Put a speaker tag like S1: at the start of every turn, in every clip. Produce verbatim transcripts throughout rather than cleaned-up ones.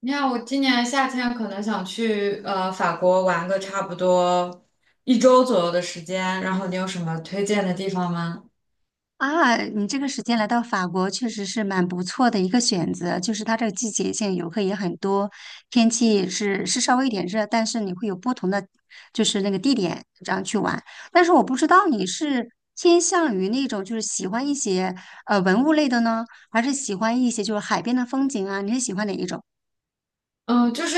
S1: 你看，我今年夏天可能想去呃法国玩个差不多一周左右的时间，然后你有什么推荐的地方吗？
S2: 啊，你这个时间来到法国确实是蛮不错的一个选择，就是它这个季节性游客也很多，天气是是稍微有点热，但是你会有不同的就是那个地点这样去玩。但是我不知道你是偏向于那种就是喜欢一些呃文物类的呢，还是喜欢一些就是海边的风景啊？你是喜欢哪一种？
S1: 嗯，就是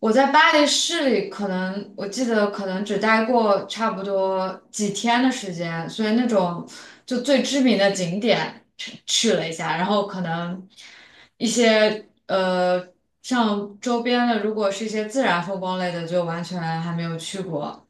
S1: 我在巴黎市里，可能我记得可能只待过差不多几天的时间，所以那种就最知名的景点去去了一下，然后可能一些呃像周边的，如果是一些自然风光类的，就完全还没有去过。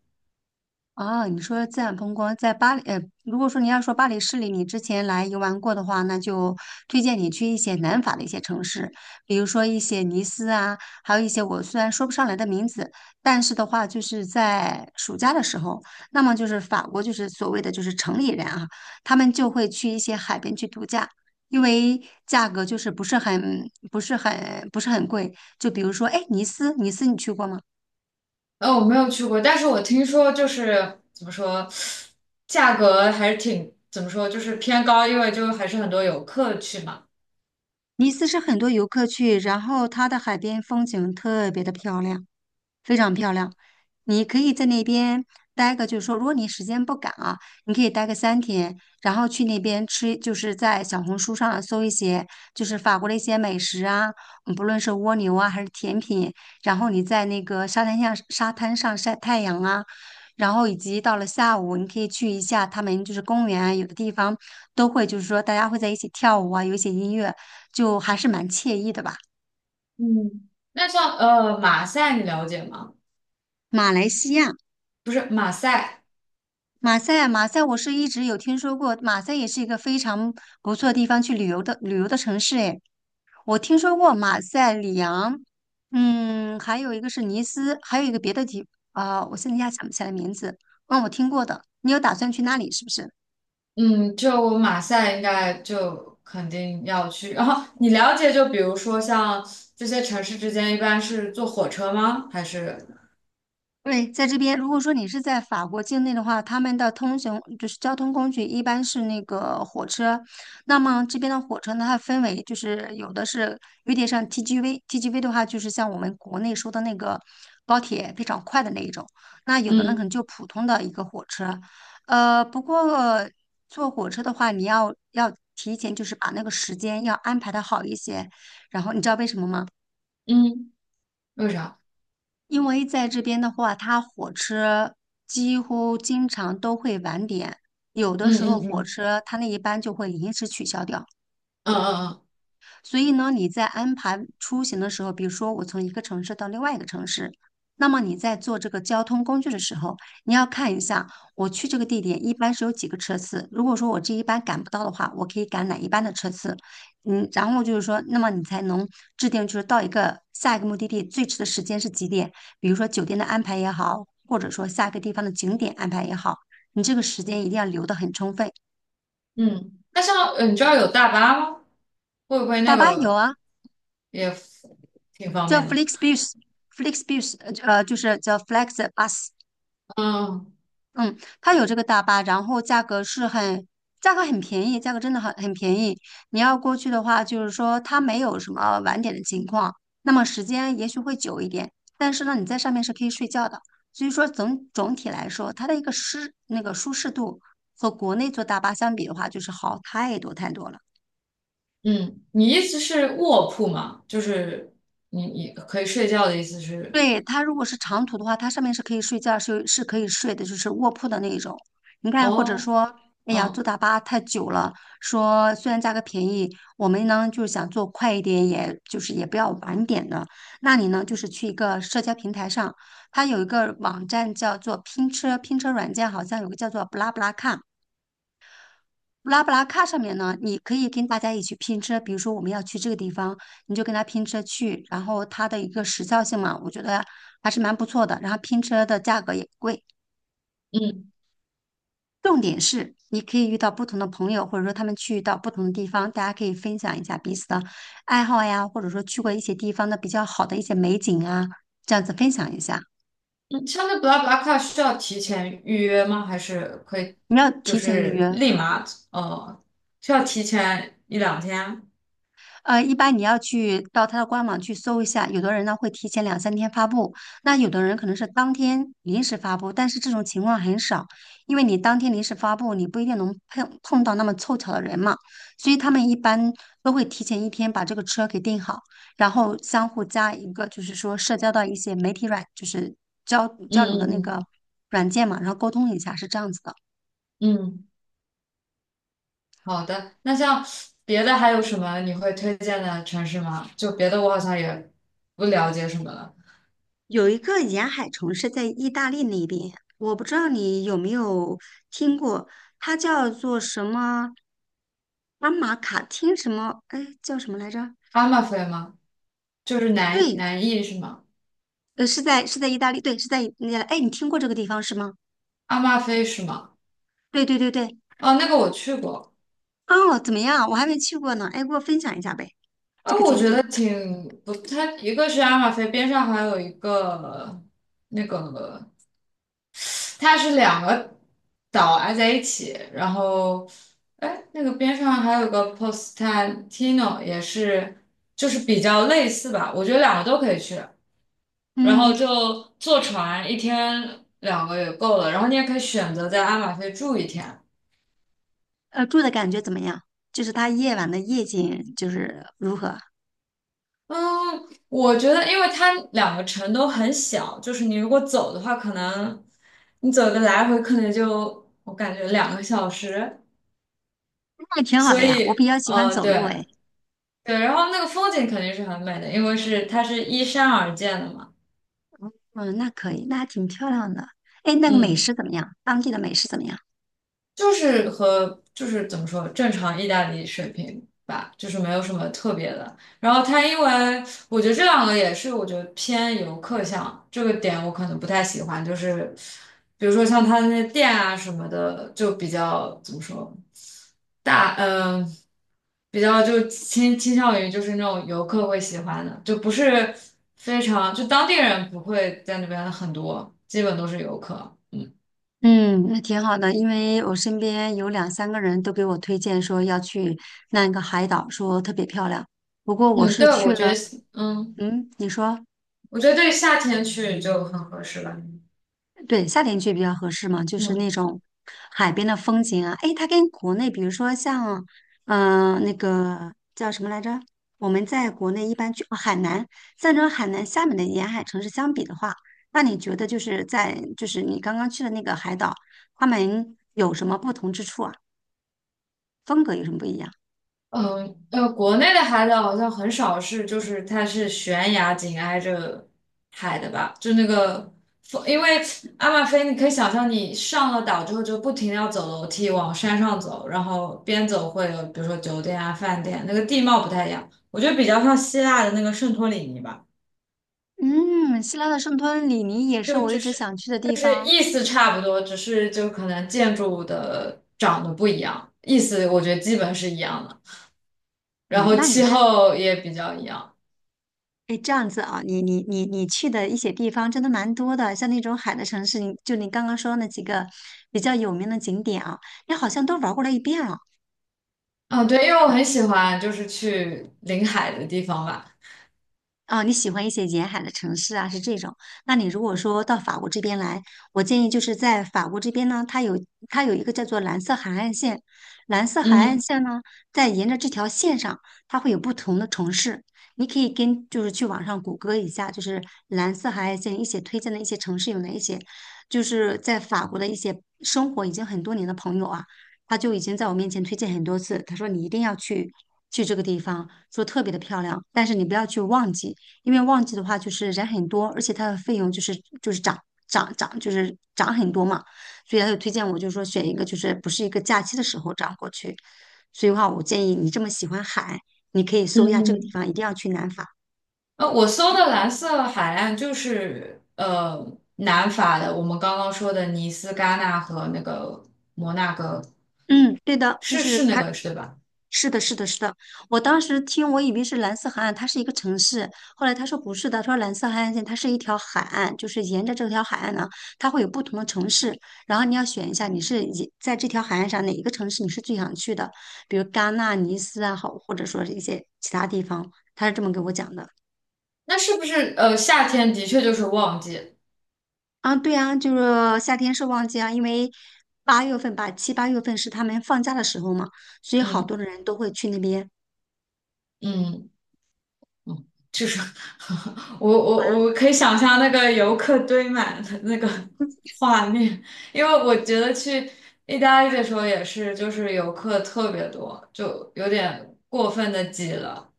S2: 啊，你说自然风光在巴黎，呃，如果说你要说巴黎市里你之前来游玩过的话，那就推荐你去一些南法的一些城市，比如说一些尼斯啊，还有一些我虽然说不上来的名字，但是的话就是在暑假的时候，那么就是法国就是所谓的就是城里人啊，他们就会去一些海边去度假，因为价格就是不是很不是很不是很贵，就比如说哎，尼斯，尼斯你去过吗？
S1: 呃，我没有去过，但是我听说就是怎么说，价格还是挺怎么说，就是偏高，因为就还是很多游客去嘛。
S2: 尼斯是很多游客去，然后它的海边风景特别的漂亮。非常漂亮。你可以在那边待个，就是说，如果你时间不赶啊，你可以待个三天，然后去那边吃，就是在小红书上搜一些，就是法国的一些美食啊，嗯不论是蜗牛啊还是甜品，然后你在那个沙滩上沙滩上晒太阳啊，然后以及到了下午，你可以去一下他们就是公园啊，有的地方都会就是说大家会在一起跳舞啊，有一些音乐，就还是蛮惬意的吧。
S1: 嗯，那像呃马赛你了解吗？
S2: 马来西亚。
S1: 不是马赛。
S2: 马赛啊马赛，我是一直有听说过，马赛也是一个非常不错的地方去旅游的旅游的城市。诶，我听说过马赛、里昂，嗯，还有一个是尼斯，还有一个别的地啊、我现在一下想不起来名字。嗯，我听过的。你有打算去那里是不是？
S1: 嗯，就马赛应该就肯定要去。然后你了解，就比如说像这些城市之间一般是坐火车吗？还是
S2: 对，在这边，如果说你是在法国境内的话，他们的通行就是交通工具一般是那个火车。那么这边的火车呢，它分为就是有的是有点像 T G V，T G V 的话就是像我们国内说的那个高铁非常快的那一种。那有的呢可
S1: 嗯
S2: 能就普通的一个火车。呃，不过坐火车的话，你要要提前就是把那个时间要安排的好一些。然后你知道为什么吗？
S1: 嗯，为啥？
S2: 因为在这边的话，它火车几乎经常都会晚点，有的
S1: 嗯
S2: 时候
S1: 嗯
S2: 火
S1: 嗯。
S2: 车它那一班就会临时取消掉。
S1: 嗯嗯嗯。
S2: 所以呢，你在安排出行的时候，比如说我从一个城市到另外一个城市，那么你在做这个交通工具的时候，你要看一下我去这个地点一般是有几个车次。如果说我这一班赶不到的话，我可以赶哪一班的车次？嗯，然后就是说，那么你才能制定就是到一个下一个目的地最迟的时间是几点？比如说酒店的安排也好，或者说下一个地方的景点安排也好，你这个时间一定要留得很充分。
S1: 嗯，那像呃你知道有大巴吗？会不会那
S2: 大巴有
S1: 个
S2: 啊。
S1: 也挺方
S2: 叫
S1: 便
S2: f l
S1: 的？
S2: e x b u s f l e x b u s 呃，就是叫 Flexbus，
S1: 嗯。
S2: 嗯，它有这个大巴，然后价格是很，价格很便宜，价格真的很很便宜。你要过去的话，就是说它没有什么晚点的情况，那么时间也许会久一点，但是呢，你在上面是可以睡觉的。所以说总总体来说，它的一个适那个舒适度和国内坐大巴相比的话，就是好太多太多了。
S1: 嗯，你意思是卧铺吗？就是你你可以睡觉的意思是？
S2: 对，它如果是长途的话，它上面是可以睡觉，是是可以睡的，就是卧铺的那一种。你看，或者
S1: 哦。
S2: 说，哎呀，坐
S1: 嗯
S2: 大巴太久了，说虽然价格便宜，我们呢就是想坐快一点，也就是也不要晚点的。那你呢，就是去一个社交平台上，它有一个网站叫做拼车，拼车软件好像有个叫做布拉布拉看。布拉布拉卡上面呢，你可以跟大家一起拼车，比如说我们要去这个地方，你就跟他拼车去，然后它的一个时效性嘛，我觉得还是蛮不错的。然后拼车的价格也不贵，
S1: 嗯
S2: 重点是你可以遇到不同的朋友，或者说他们去到不同的地方，大家可以分享一下彼此的爱好呀，或者说去过一些地方的比较好的一些美景啊，这样子分享一下。
S1: 嗯。像那 BlaBlaCar 需要提前预约吗？还是可以
S2: 你要
S1: 就
S2: 提前预
S1: 是
S2: 约。
S1: 立马？哦，需要提前一两天？
S2: 呃，一般你要去到他的官网去搜一下，有的人呢会提前两三天发布，那有的人可能是当天临时发布，但是这种情况很少，因为你当天临时发布，你不一定能碰碰到那么凑巧的人嘛，所以他们一般都会提前一天把这个车给订好，然后相互加一个就是说社交到一些媒体软，就是交
S1: 嗯
S2: 交流的那个
S1: 嗯
S2: 软件嘛，然后沟通一下，是这样子的。
S1: 嗯嗯。好的，那像别的还有什么你会推荐的城市吗？就别的我好像也不了解什么了。
S2: 有一个沿海城市在意大利那边，我不知道你有没有听过，它叫做什么阿马卡汀什么？哎，叫什么来着？
S1: 阿马菲吗？就是南
S2: 对，
S1: 南艺是吗？
S2: 呃，是在是在意大利，对，是在意那哎，你听过这个地方是吗？
S1: 阿马菲是吗？
S2: 对对对对，
S1: 哦，那个我去过。
S2: 哦，怎么样？我还没去过呢，哎，给我分享一下呗，这
S1: 啊，
S2: 个
S1: 我
S2: 景
S1: 觉
S2: 点。
S1: 得挺不，它一个是阿马菲边上还有一个那个，它是两个岛挨在一起，然后哎，那个边上还有个 Postantino 也是，就是比较类似吧，我觉得两个都可以去。然
S2: 嗯，
S1: 后就坐船一天两个也够了，然后你也可以选择在阿马菲住一天。
S2: 呃，住的感觉怎么样？就是它夜晚的夜景就是如何？
S1: 嗯，我觉得因为它两个城都很小，就是你如果走的话，可能你走个来回可能就我感觉两个小时，
S2: 那也挺好的
S1: 所
S2: 呀，我
S1: 以
S2: 比较喜欢
S1: 嗯，
S2: 走
S1: 对
S2: 路哎。
S1: 对，然后那个风景肯定是很美的，因为是它是依山而建的嘛。
S2: 嗯，那可以，那还挺漂亮的。哎，那个美
S1: 嗯。
S2: 食怎么样？当地的美食怎么样？
S1: 就是和就是怎么说正常意大利水平吧，就是没有什么特别的。然后它因为我觉得这两个也是我觉得偏游客向这个点，我可能不太喜欢。就是比如说像它那些店啊什么的，就比较怎么说大嗯、呃比较就倾倾向于就是那种游客会喜欢的，就不是非常就当地人不会在那边很多，基本都是游客。嗯。
S2: 嗯。那挺好的，因为我身边有两三个人都给我推荐说要去那个海岛，说特别漂亮。不过我
S1: 嗯，
S2: 是
S1: 对，
S2: 去
S1: 我觉得
S2: 了，
S1: 嗯。
S2: 嗯，你说。
S1: 我觉得对夏天去就很合适了。嗯。
S2: 对，夏天去比较合适嘛，就是那种海边的风景啊。诶，它跟国内，比如说像，嗯、那个叫什么来着？我们在国内一般去哦海南，像这种海南、厦门的沿海城市相比的话，那你觉得就是在就是你刚刚去的那个海岛，他们有什么不同之处啊？风格有什么不一样？
S1: 嗯呃，国内的海岛好像很少是，就是它是悬崖紧挨着海的吧？就那个风，因为阿马菲，你可以想象你上了岛之后就不停的要走楼梯往山上走，然后边走会有比如说酒店啊、饭店，那个地貌不太一样。我觉得比较像希腊的那个圣托里尼吧，
S2: 嗯，希腊的圣托里尼也是
S1: 就
S2: 我一
S1: 就
S2: 直
S1: 是
S2: 想去的地
S1: 就是
S2: 方。
S1: 意思差不多，只是就可能建筑的长得不一样，意思我觉得基本是一样的。
S2: 哎
S1: 然
S2: 呦
S1: 后
S2: 那你
S1: 气
S2: 的
S1: 候也比较一样。
S2: 哎，这样子啊，你你你你去的一些地方真的蛮多的，像那种海的城市，你就你刚刚说那几个比较有名的景点啊，你好像都玩过了一遍了。
S1: 啊，对，因为我很喜欢就是去临海的地方吧。
S2: 啊，你喜欢一些沿海的城市啊，是这种。那你如果说到法国这边来，我建议就是在法国这边呢，它有它有一个叫做蓝色海岸线，蓝色海岸
S1: 嗯
S2: 线呢，在沿着这条线上，它会有不同的城市。你可以跟就是去网上谷歌一下，就是蓝色海岸线一些推荐的一些城市有哪一些，就是在法国的一些生活已经很多年的朋友啊，他就已经在我面前推荐很多次，他说你一定要去去这个地方，说特别的漂亮，但是你不要去忘记。因为旺季的话就是人很多，而且它的费用就是就是涨涨涨，就是涨很多嘛，所以他就推荐我就是说选一个就是不是一个假期的时候这样过去。所以的话，我建议你这么喜欢海，你可以
S1: 嗯
S2: 搜一下这个地
S1: 嗯。
S2: 方，一定要去南法。
S1: 呃，我搜的蓝色海岸就是呃南法的，我们刚刚说的尼斯、戛纳和那个摩纳哥，
S2: 嗯，对的，就
S1: 是
S2: 是
S1: 是那
S2: 他，
S1: 个是对吧？
S2: 是的，是的，是的。我当时听，我以为是蓝色海岸，它是一个城市。后来他说不是的，他说蓝色海岸线它是一条海岸，就是沿着这条海岸呢，它会有不同的城市。然后你要选一下，你是以在这条海岸上哪一个城市你是最想去的，比如戛纳、尼斯啊，好，或者说是一些其他地方。他是这么给我讲的。
S1: 那是不是呃夏天的确就是旺季？
S2: 啊，对啊，就是夏天是旺季啊，因为八月份吧，七八月份是他们放假的时候嘛，所以好
S1: 嗯
S2: 多的人都会去那边。
S1: 嗯。嗯，就是 我我
S2: 啊。
S1: 我可以想象那个游客堆满的那个画面，因为我觉得去意大利的时候也是，就是游客特别多，就有点过分的挤了，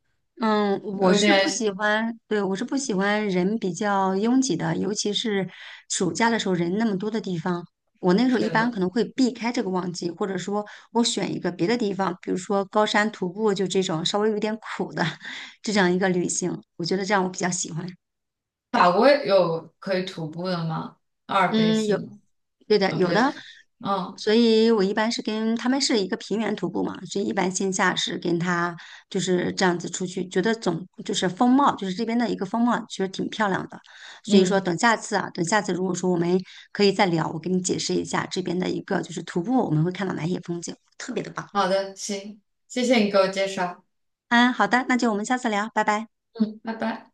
S2: 嗯，我
S1: 有
S2: 是
S1: 点
S2: 不喜欢，对，我是不喜欢人比较拥挤的，尤其是暑假的时候人那么多的地方。我那时候
S1: 是
S2: 一般可
S1: 的。
S2: 能会避开这个旺季，或者说我选一个别的地方，比如说高山徒步，就这种稍微有点苦的 这样一个旅行，我觉得这样我比较喜欢。
S1: 法国有可以徒步的吗？阿尔卑
S2: 嗯，
S1: 斯
S2: 有，
S1: 吗？
S2: 对的，
S1: 啊，不
S2: 有
S1: 对。
S2: 的，
S1: 嗯
S2: 所以我一般是跟他们是一个平原徒步嘛，所以一般线下是跟他就是这样子出去，觉得总就是风貌，就是这边的一个风貌，其实挺漂亮的。所以说，等
S1: 嗯，
S2: 下次啊，等下次如果说我们可以再聊，我给你解释一下这边的一个就是徒步我们会看到哪些风景，特别的棒。
S1: 好的，行，谢谢你给我介绍。
S2: 嗯，好的，那就我们下次聊，拜拜。
S1: 嗯，拜拜。